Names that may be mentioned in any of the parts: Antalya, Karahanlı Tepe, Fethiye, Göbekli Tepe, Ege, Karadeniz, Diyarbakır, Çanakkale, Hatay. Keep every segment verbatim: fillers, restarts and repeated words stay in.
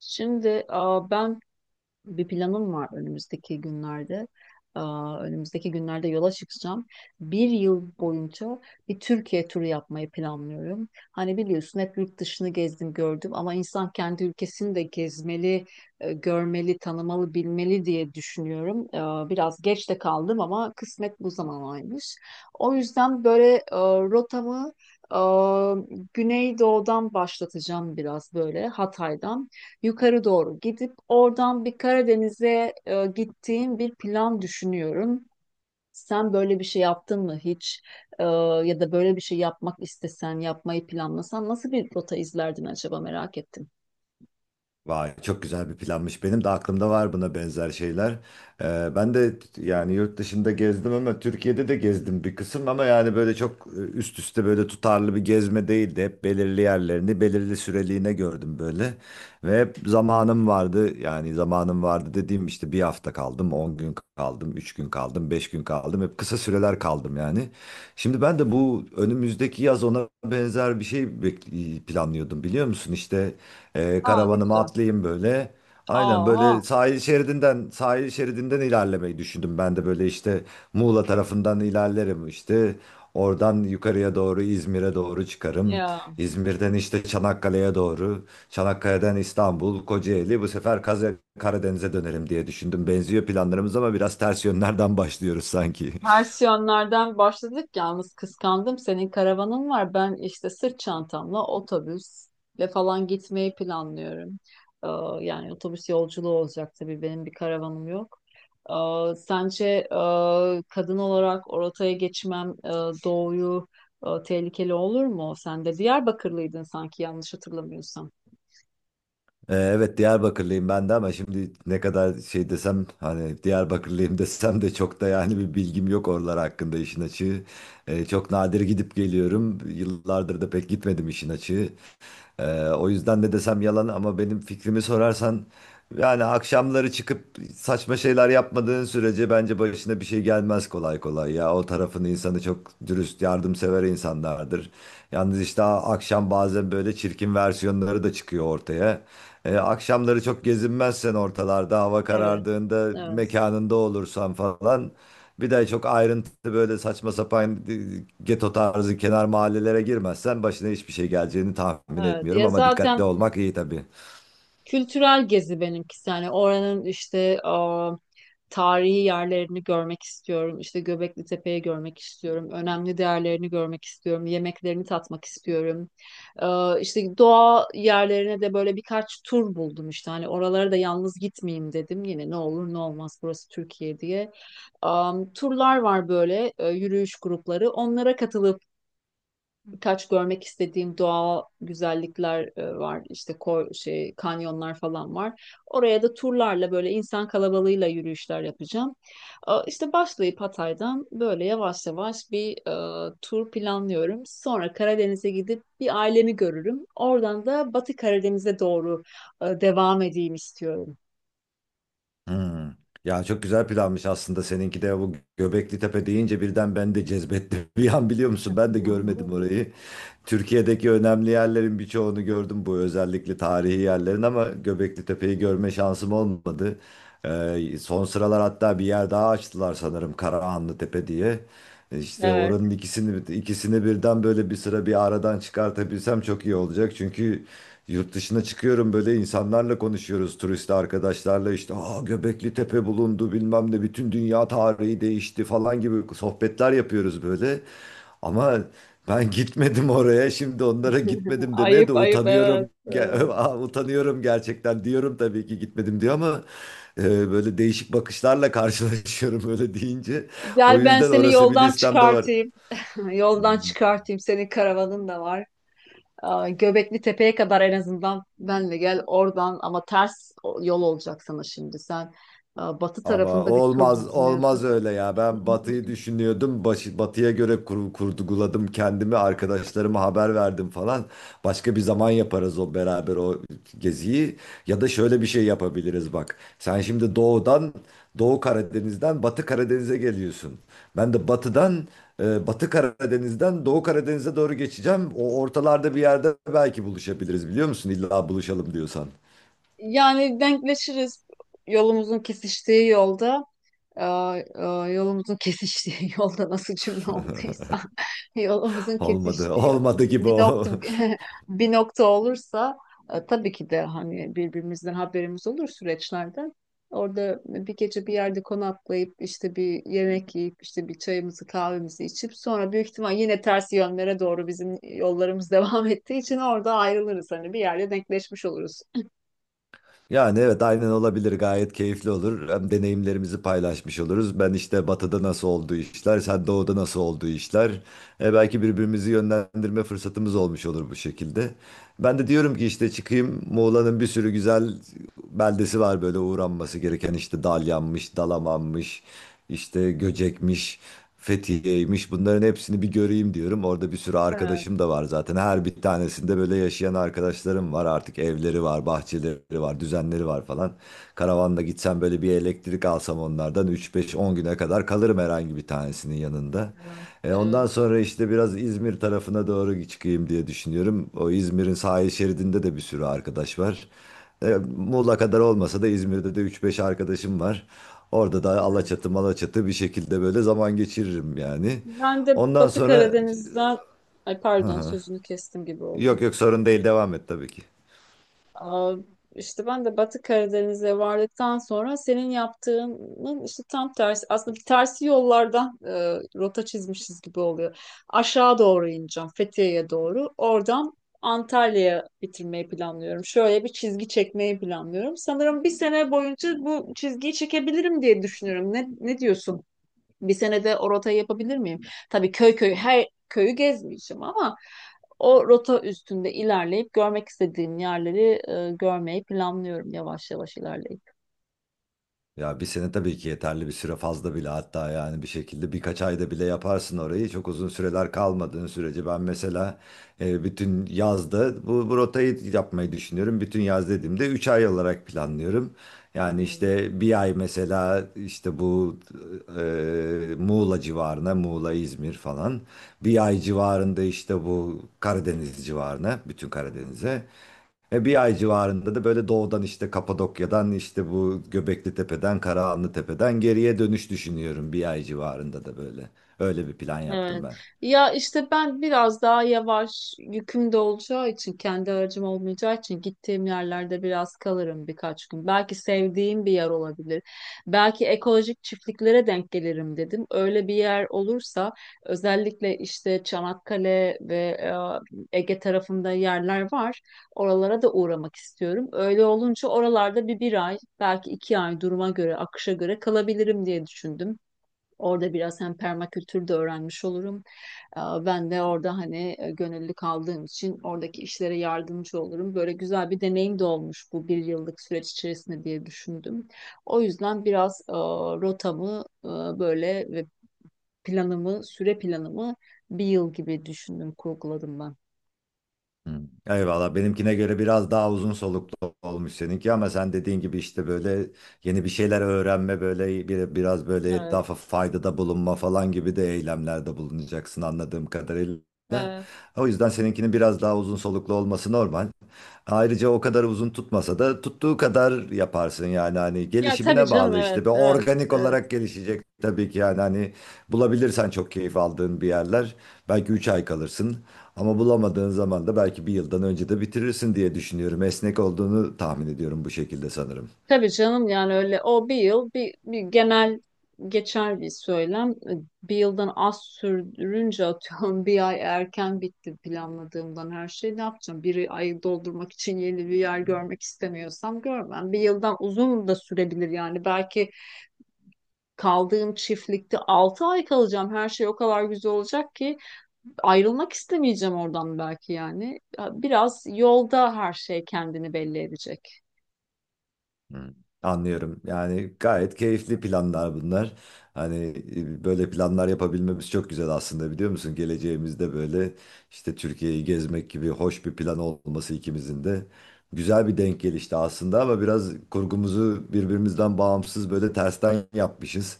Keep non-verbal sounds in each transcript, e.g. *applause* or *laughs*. Şimdi aa, ben bir planım var önümüzdeki günlerde. Aa, önümüzdeki günlerde yola çıkacağım. Bir yıl boyunca bir Türkiye turu yapmayı planlıyorum. Hani biliyorsun hep yurt dışını gezdim gördüm ama insan kendi ülkesini de gezmeli, e, görmeli, tanımalı, bilmeli diye düşünüyorum. Aa, biraz geç de kaldım ama kısmet bu zamanaymış. O yüzden böyle e, rotamı e, Güneydoğu'dan başlatacağım biraz böyle Hatay'dan yukarı doğru gidip oradan bir Karadeniz'e e, gittiğim bir plan düşünüyorum. Sen böyle bir şey yaptın mı hiç? E, Ya da böyle bir şey yapmak istesen, yapmayı planlasan nasıl bir rota izlerdin acaba merak ettim. Vay çok güzel bir planmış. Benim de aklımda var buna benzer şeyler. Ee, ben de yani yurt dışında gezdim ama Türkiye'de de gezdim bir kısım ama yani böyle çok e, üst üste böyle tutarlı bir gezme değildi. Hep belirli yerlerini belirli süreliğine gördüm böyle. Ve hep zamanım vardı yani zamanım vardı dediğim işte bir hafta kaldım, on gün kaldım, üç gün kaldım, beş gün kaldım. Hep kısa süreler kaldım yani. Şimdi ben de bu önümüzdeki yaz ona benzer bir şey bek- planlıyordum biliyor musun? İşte ee, Aa, ne karavanıma güzel. atlayayım böyle. Aynen Aha böyle sahil şeridinden sahil şeridinden ilerlemeyi düşündüm. Ben de böyle işte Muğla tarafından ilerlerim işte. Oradan yukarıya doğru İzmir'e doğru çıkarım. ya. İzmir'den işte Çanakkale'ye doğru. Çanakkale'den İstanbul, Kocaeli. Bu sefer Kaze Karadeniz'e dönerim diye düşündüm. Benziyor planlarımız ama biraz ters yönlerden başlıyoruz sanki. *laughs* Versiyonlardan başladık yalnız kıskandım. Senin karavanın var. Ben işte sırt çantamla otobüsle falan gitmeyi planlıyorum. Ee, Yani otobüs yolculuğu olacak tabii benim bir karavanım yok. Ee, sence e, kadın olarak o rotaya geçmem e, doğuyu e, tehlikeli olur mu? Sen de Diyarbakırlıydın sanki yanlış hatırlamıyorsam. Ee, Evet Diyarbakırlıyım ben de ama şimdi ne kadar şey desem hani Diyarbakırlıyım *laughs* desem de çok da yani bir bilgim yok oralar hakkında işin açığı. Ee, çok nadir gidip geliyorum. Yıllardır da pek gitmedim işin açığı. Ee, o yüzden ne desem yalan ama benim fikrimi sorarsan yani akşamları çıkıp saçma şeyler yapmadığın sürece bence başına bir şey gelmez kolay kolay ya. O tarafın insanı çok dürüst, yardımsever insanlardır. Yalnız işte akşam bazen böyle çirkin versiyonları da çıkıyor ortaya. Ee, akşamları çok gezinmezsen ortalarda hava Evet, karardığında evet. mekanında olursan falan, bir de çok ayrıntı böyle saçma sapan e, geto tarzı kenar mahallelere girmezsen başına hiçbir şey geleceğini tahmin Evet. etmiyorum Ya ama dikkatli zaten olmak iyi tabii. Kültürel gezi benimkisi, yani oranın işte aa, tarihi yerlerini görmek istiyorum. İşte Göbekli Tepe'yi görmek istiyorum. Önemli değerlerini görmek istiyorum. Yemeklerini tatmak istiyorum. Ee, işte doğa yerlerine de böyle birkaç tur buldum işte. Hani oralara da yalnız gitmeyeyim dedim. Yine ne olur ne olmaz burası Türkiye diye. Am, turlar var böyle e, yürüyüş grupları. Onlara katılıp birkaç görmek istediğim doğal güzellikler e, var. İşte ko- şey kanyonlar falan var. Oraya da turlarla böyle insan kalabalığıyla yürüyüşler yapacağım. E, İşte başlayıp Hatay'dan böyle yavaş yavaş bir e, tur planlıyorum. Sonra Karadeniz'e gidip bir ailemi görürüm. Oradan da Batı Karadeniz'e doğru e, devam edeyim istiyorum. Hmm. Ya çok güzel planmış aslında seninki de. Bu Göbekli Tepe deyince birden ben de cezbetti *laughs* bir an, biliyor musun? Ben de görmedim *laughs* orayı. Türkiye'deki önemli yerlerin birçoğunu gördüm, bu özellikle tarihi yerlerin, ama Göbekli Tepe'yi görme şansım olmadı. Ee, son sıralar hatta bir yer daha açtılar sanırım, Karahanlı Tepe diye. İşte Evet. oranın ikisini ikisini birden böyle bir sıra bir aradan çıkartabilsem çok iyi olacak. Çünkü yurt dışına çıkıyorum böyle, insanlarla konuşuyoruz turist arkadaşlarla, işte Aa, Göbekli Tepe bulundu bilmem ne, bütün dünya tarihi değişti falan gibi sohbetler yapıyoruz böyle. Ama ben gitmedim oraya. Şimdi onlara *laughs* gitmedim demeye de Ayıp ayıp, evet. utanıyorum. Ge- Evet. *laughs* Aa, utanıyorum gerçekten, diyorum tabii ki gitmedim diyor ama e, böyle değişik bakışlarla karşılaşıyorum *laughs* öyle deyince. O Gel ben yüzden seni orası bir yoldan listemde var. çıkartayım. Yoldan çıkartayım. Senin karavanın da var. Aa, Göbekli Tepe'ye kadar en azından benle gel oradan, ama ters o- yol olacak sana şimdi. Sen aa, batı Ama tarafında bir tur olmaz düzlüyorsun. olmaz öyle ya. Ben Batı'yı *laughs* düşünüyordum. Başı, Batı'ya göre kur, kurguladım kendimi. Arkadaşlarıma haber verdim falan. Başka bir zaman yaparız o beraber o geziyi. Ya da şöyle bir şey yapabiliriz bak. Sen şimdi doğudan, Doğu Karadeniz'den Batı Karadeniz'e geliyorsun. Ben de batıdan, e, Batı Karadeniz'den Doğu Karadeniz'e doğru geçeceğim. O ortalarda bir yerde belki buluşabiliriz, biliyor musun? İlla buluşalım diyorsan. Yani denkleşiriz yolumuzun kesiştiği yolda. e, e, Yolumuzun kesiştiği *laughs* yolda, nasıl cümle olduysa, *laughs* yolumuzun Olmadı. *laughs* kesiştiği Olmadı gibi bir o. nokta, *laughs* *laughs* bir nokta olursa, e, tabii ki de hani birbirimizden haberimiz olur süreçlerden. Orada bir gece bir yerde konaklayıp işte bir yemek yiyip işte bir çayımızı kahvemizi içip sonra büyük ihtimal yine ters yönlere doğru bizim yollarımız *laughs* devam ettiği için orada ayrılırız. Hani bir yerde denkleşmiş oluruz. Yani evet aynen olabilir, gayet keyifli olur. Hem deneyimlerimizi paylaşmış oluruz. Ben işte batıda nasıl olduğu işler, sen doğuda nasıl olduğu işler. E, belki birbirimizi yönlendirme fırsatımız olmuş olur bu şekilde. Ben de diyorum ki işte çıkayım, Muğla'nın bir sürü güzel beldesi var böyle uğranması gereken, işte Dalyan'mış, Dalaman'mış, işte Göcek'miş, Fethiye'ymiş, bunların hepsini bir göreyim diyorum. Orada bir sürü Evet, arkadaşım da var zaten. Her bir tanesinde böyle yaşayan arkadaşlarım var, artık evleri var, bahçeleri var, düzenleri var falan. Karavanla gitsem böyle, bir elektrik alsam onlardan, üç beş on güne kadar kalırım herhangi bir tanesinin yanında. E, evet, ondan sonra işte biraz İzmir tarafına doğru çıkayım diye düşünüyorum. O İzmir'in sahil şeridinde de bir sürü arkadaş var. E, Muğla kadar olmasa da İzmir'de de üç beş arkadaşım var. Orada da evet. Alaçatı Malaçatı bir şekilde böyle zaman geçiririm yani. Ben de Ondan Batı sonra, Karadeniz'den, ay pardon, sözünü kestim gibi oldu. yok yok sorun değil, devam et tabii ki. Aa, işte ben de Batı Karadeniz'e vardıktan sonra senin yaptığının işte tam tersi. Aslında bir tersi yollardan e, rota çizmişiz gibi oluyor. Aşağı doğru ineceğim, Fethiye'ye doğru. Oradan Antalya'ya bitirmeyi planlıyorum. Şöyle bir çizgi çekmeyi planlıyorum. Sanırım bir sene boyunca bu çizgiyi çekebilirim diye düşünüyorum. Ne, ne diyorsun? Bir senede o rotayı yapabilir miyim? Tabii köy köy her köyü gezmeyeceğim ama o rota üstünde ilerleyip görmek istediğim yerleri e, görmeyi planlıyorum, yavaş yavaş ilerleyip. Ya bir sene tabii ki yeterli bir süre, fazla bile hatta, yani bir şekilde birkaç ayda bile yaparsın orayı. Çok uzun süreler kalmadığın sürece. Ben mesela e, bütün yazda bu, bu rotayı yapmayı düşünüyorum. Bütün yaz dediğimde üç ay olarak planlıyorum. Yani işte bir ay mesela işte bu e, Muğla civarına, Muğla, İzmir falan. Bir ay civarında işte bu Karadeniz civarına, bütün Hmm. Karadeniz'e. E, bir ay civarında da böyle doğudan işte Kapadokya'dan işte bu Göbekli Tepe'den, Karahanlı Tepe'den geriye dönüş düşünüyorum, bir ay civarında da böyle. Öyle bir plan yaptım Evet. ben. Ya işte ben biraz daha yavaş, yüküm de olacağı için, kendi aracım olmayacağı için gittiğim yerlerde biraz kalırım birkaç gün. Belki sevdiğim bir yer olabilir. Belki ekolojik çiftliklere denk gelirim dedim. Öyle bir yer olursa, özellikle işte Çanakkale ve e, Ege tarafında yerler var. Oralara da uğramak istiyorum. Öyle olunca oralarda bir bir ay belki iki ay, duruma göre akışa göre kalabilirim diye düşündüm. Orada biraz hem permakültür de öğrenmiş olurum. Aa, Ben de orada hani e, gönüllü kaldığım için oradaki işlere yardımcı olurum. Böyle güzel bir deneyim de olmuş bu bir yıllık süreç içerisinde diye düşündüm. O yüzden biraz e, rotamı e, böyle ve planımı, süre planımı bir yıl gibi düşündüm, kurguladım ben. Hı. Eyvallah, benimkine göre biraz daha uzun soluklu olmuş seninki, ama sen dediğin gibi işte böyle yeni bir şeyler öğrenme, böyle bir, biraz böyle Evet, etrafa faydada bulunma falan gibi de eylemlerde bulunacaksın anladığım kadarıyla. evet. O yüzden seninkinin biraz daha uzun soluklu olması normal. Ayrıca o kadar uzun tutmasa da tuttuğu kadar yaparsın yani, hani Ya tabii gelişimine canım, bağlı evet, işte. Ve organik evet. olarak gelişecek tabii ki, yani hani bulabilirsen çok keyif aldığın bir yerler, belki üç ay kalırsın. Ama bulamadığın zaman da belki bir yıldan önce de bitirirsin diye düşünüyorum. Esnek olduğunu tahmin ediyorum bu şekilde sanırım. Tabii canım, yani öyle, o bir yıl bir, bir genel geçer bir söylem. E, Bir yıldan az sürdürünce, atıyorum, *laughs* bir ay erken bitti planladığımdan, her şey, ne yapacağım? Bir ayı doldurmak için yeni bir yer görmek istemiyorsam görmem. Bir yıldan uzun da sürebilir yani, belki kaldığım çiftlikte altı ay kalacağım, her şey o kadar güzel olacak ki ayrılmak istemeyeceğim oradan belki, yani. Biraz yolda her şey kendini belli edecek. Anlıyorum. Yani gayet keyifli planlar bunlar. Hani e, böyle planlar yapabilmemiz çok güzel aslında, biliyor musun? Geleceğimizde böyle işte Türkiye'yi gezmek gibi hoş bir plan olması ikimizin de, güzel bir denk gelişti aslında, ama biraz kurgumuzu birbirimizden bağımsız böyle tersten yapmışız.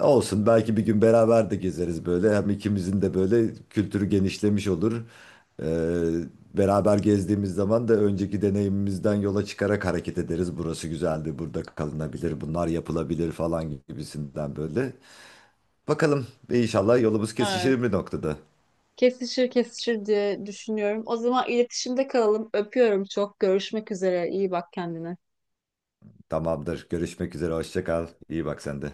Olsun, belki bir gün beraber de gezeriz böyle. Hem ikimizin de böyle kültürü genişlemiş olur. Ee, beraber gezdiğimiz zaman da önceki deneyimimizden yola çıkarak hareket ederiz. Burası güzeldi, burada kalınabilir, bunlar yapılabilir falan gibisinden böyle. Bakalım inşallah yolumuz kesişir bir noktada. Kesişir kesişir diye düşünüyorum. O zaman iletişimde kalalım. Öpüyorum çok. Görüşmek üzere. İyi bak kendine. Tamamdır. Görüşmek üzere. Hoşça kal. İyi bak sen de.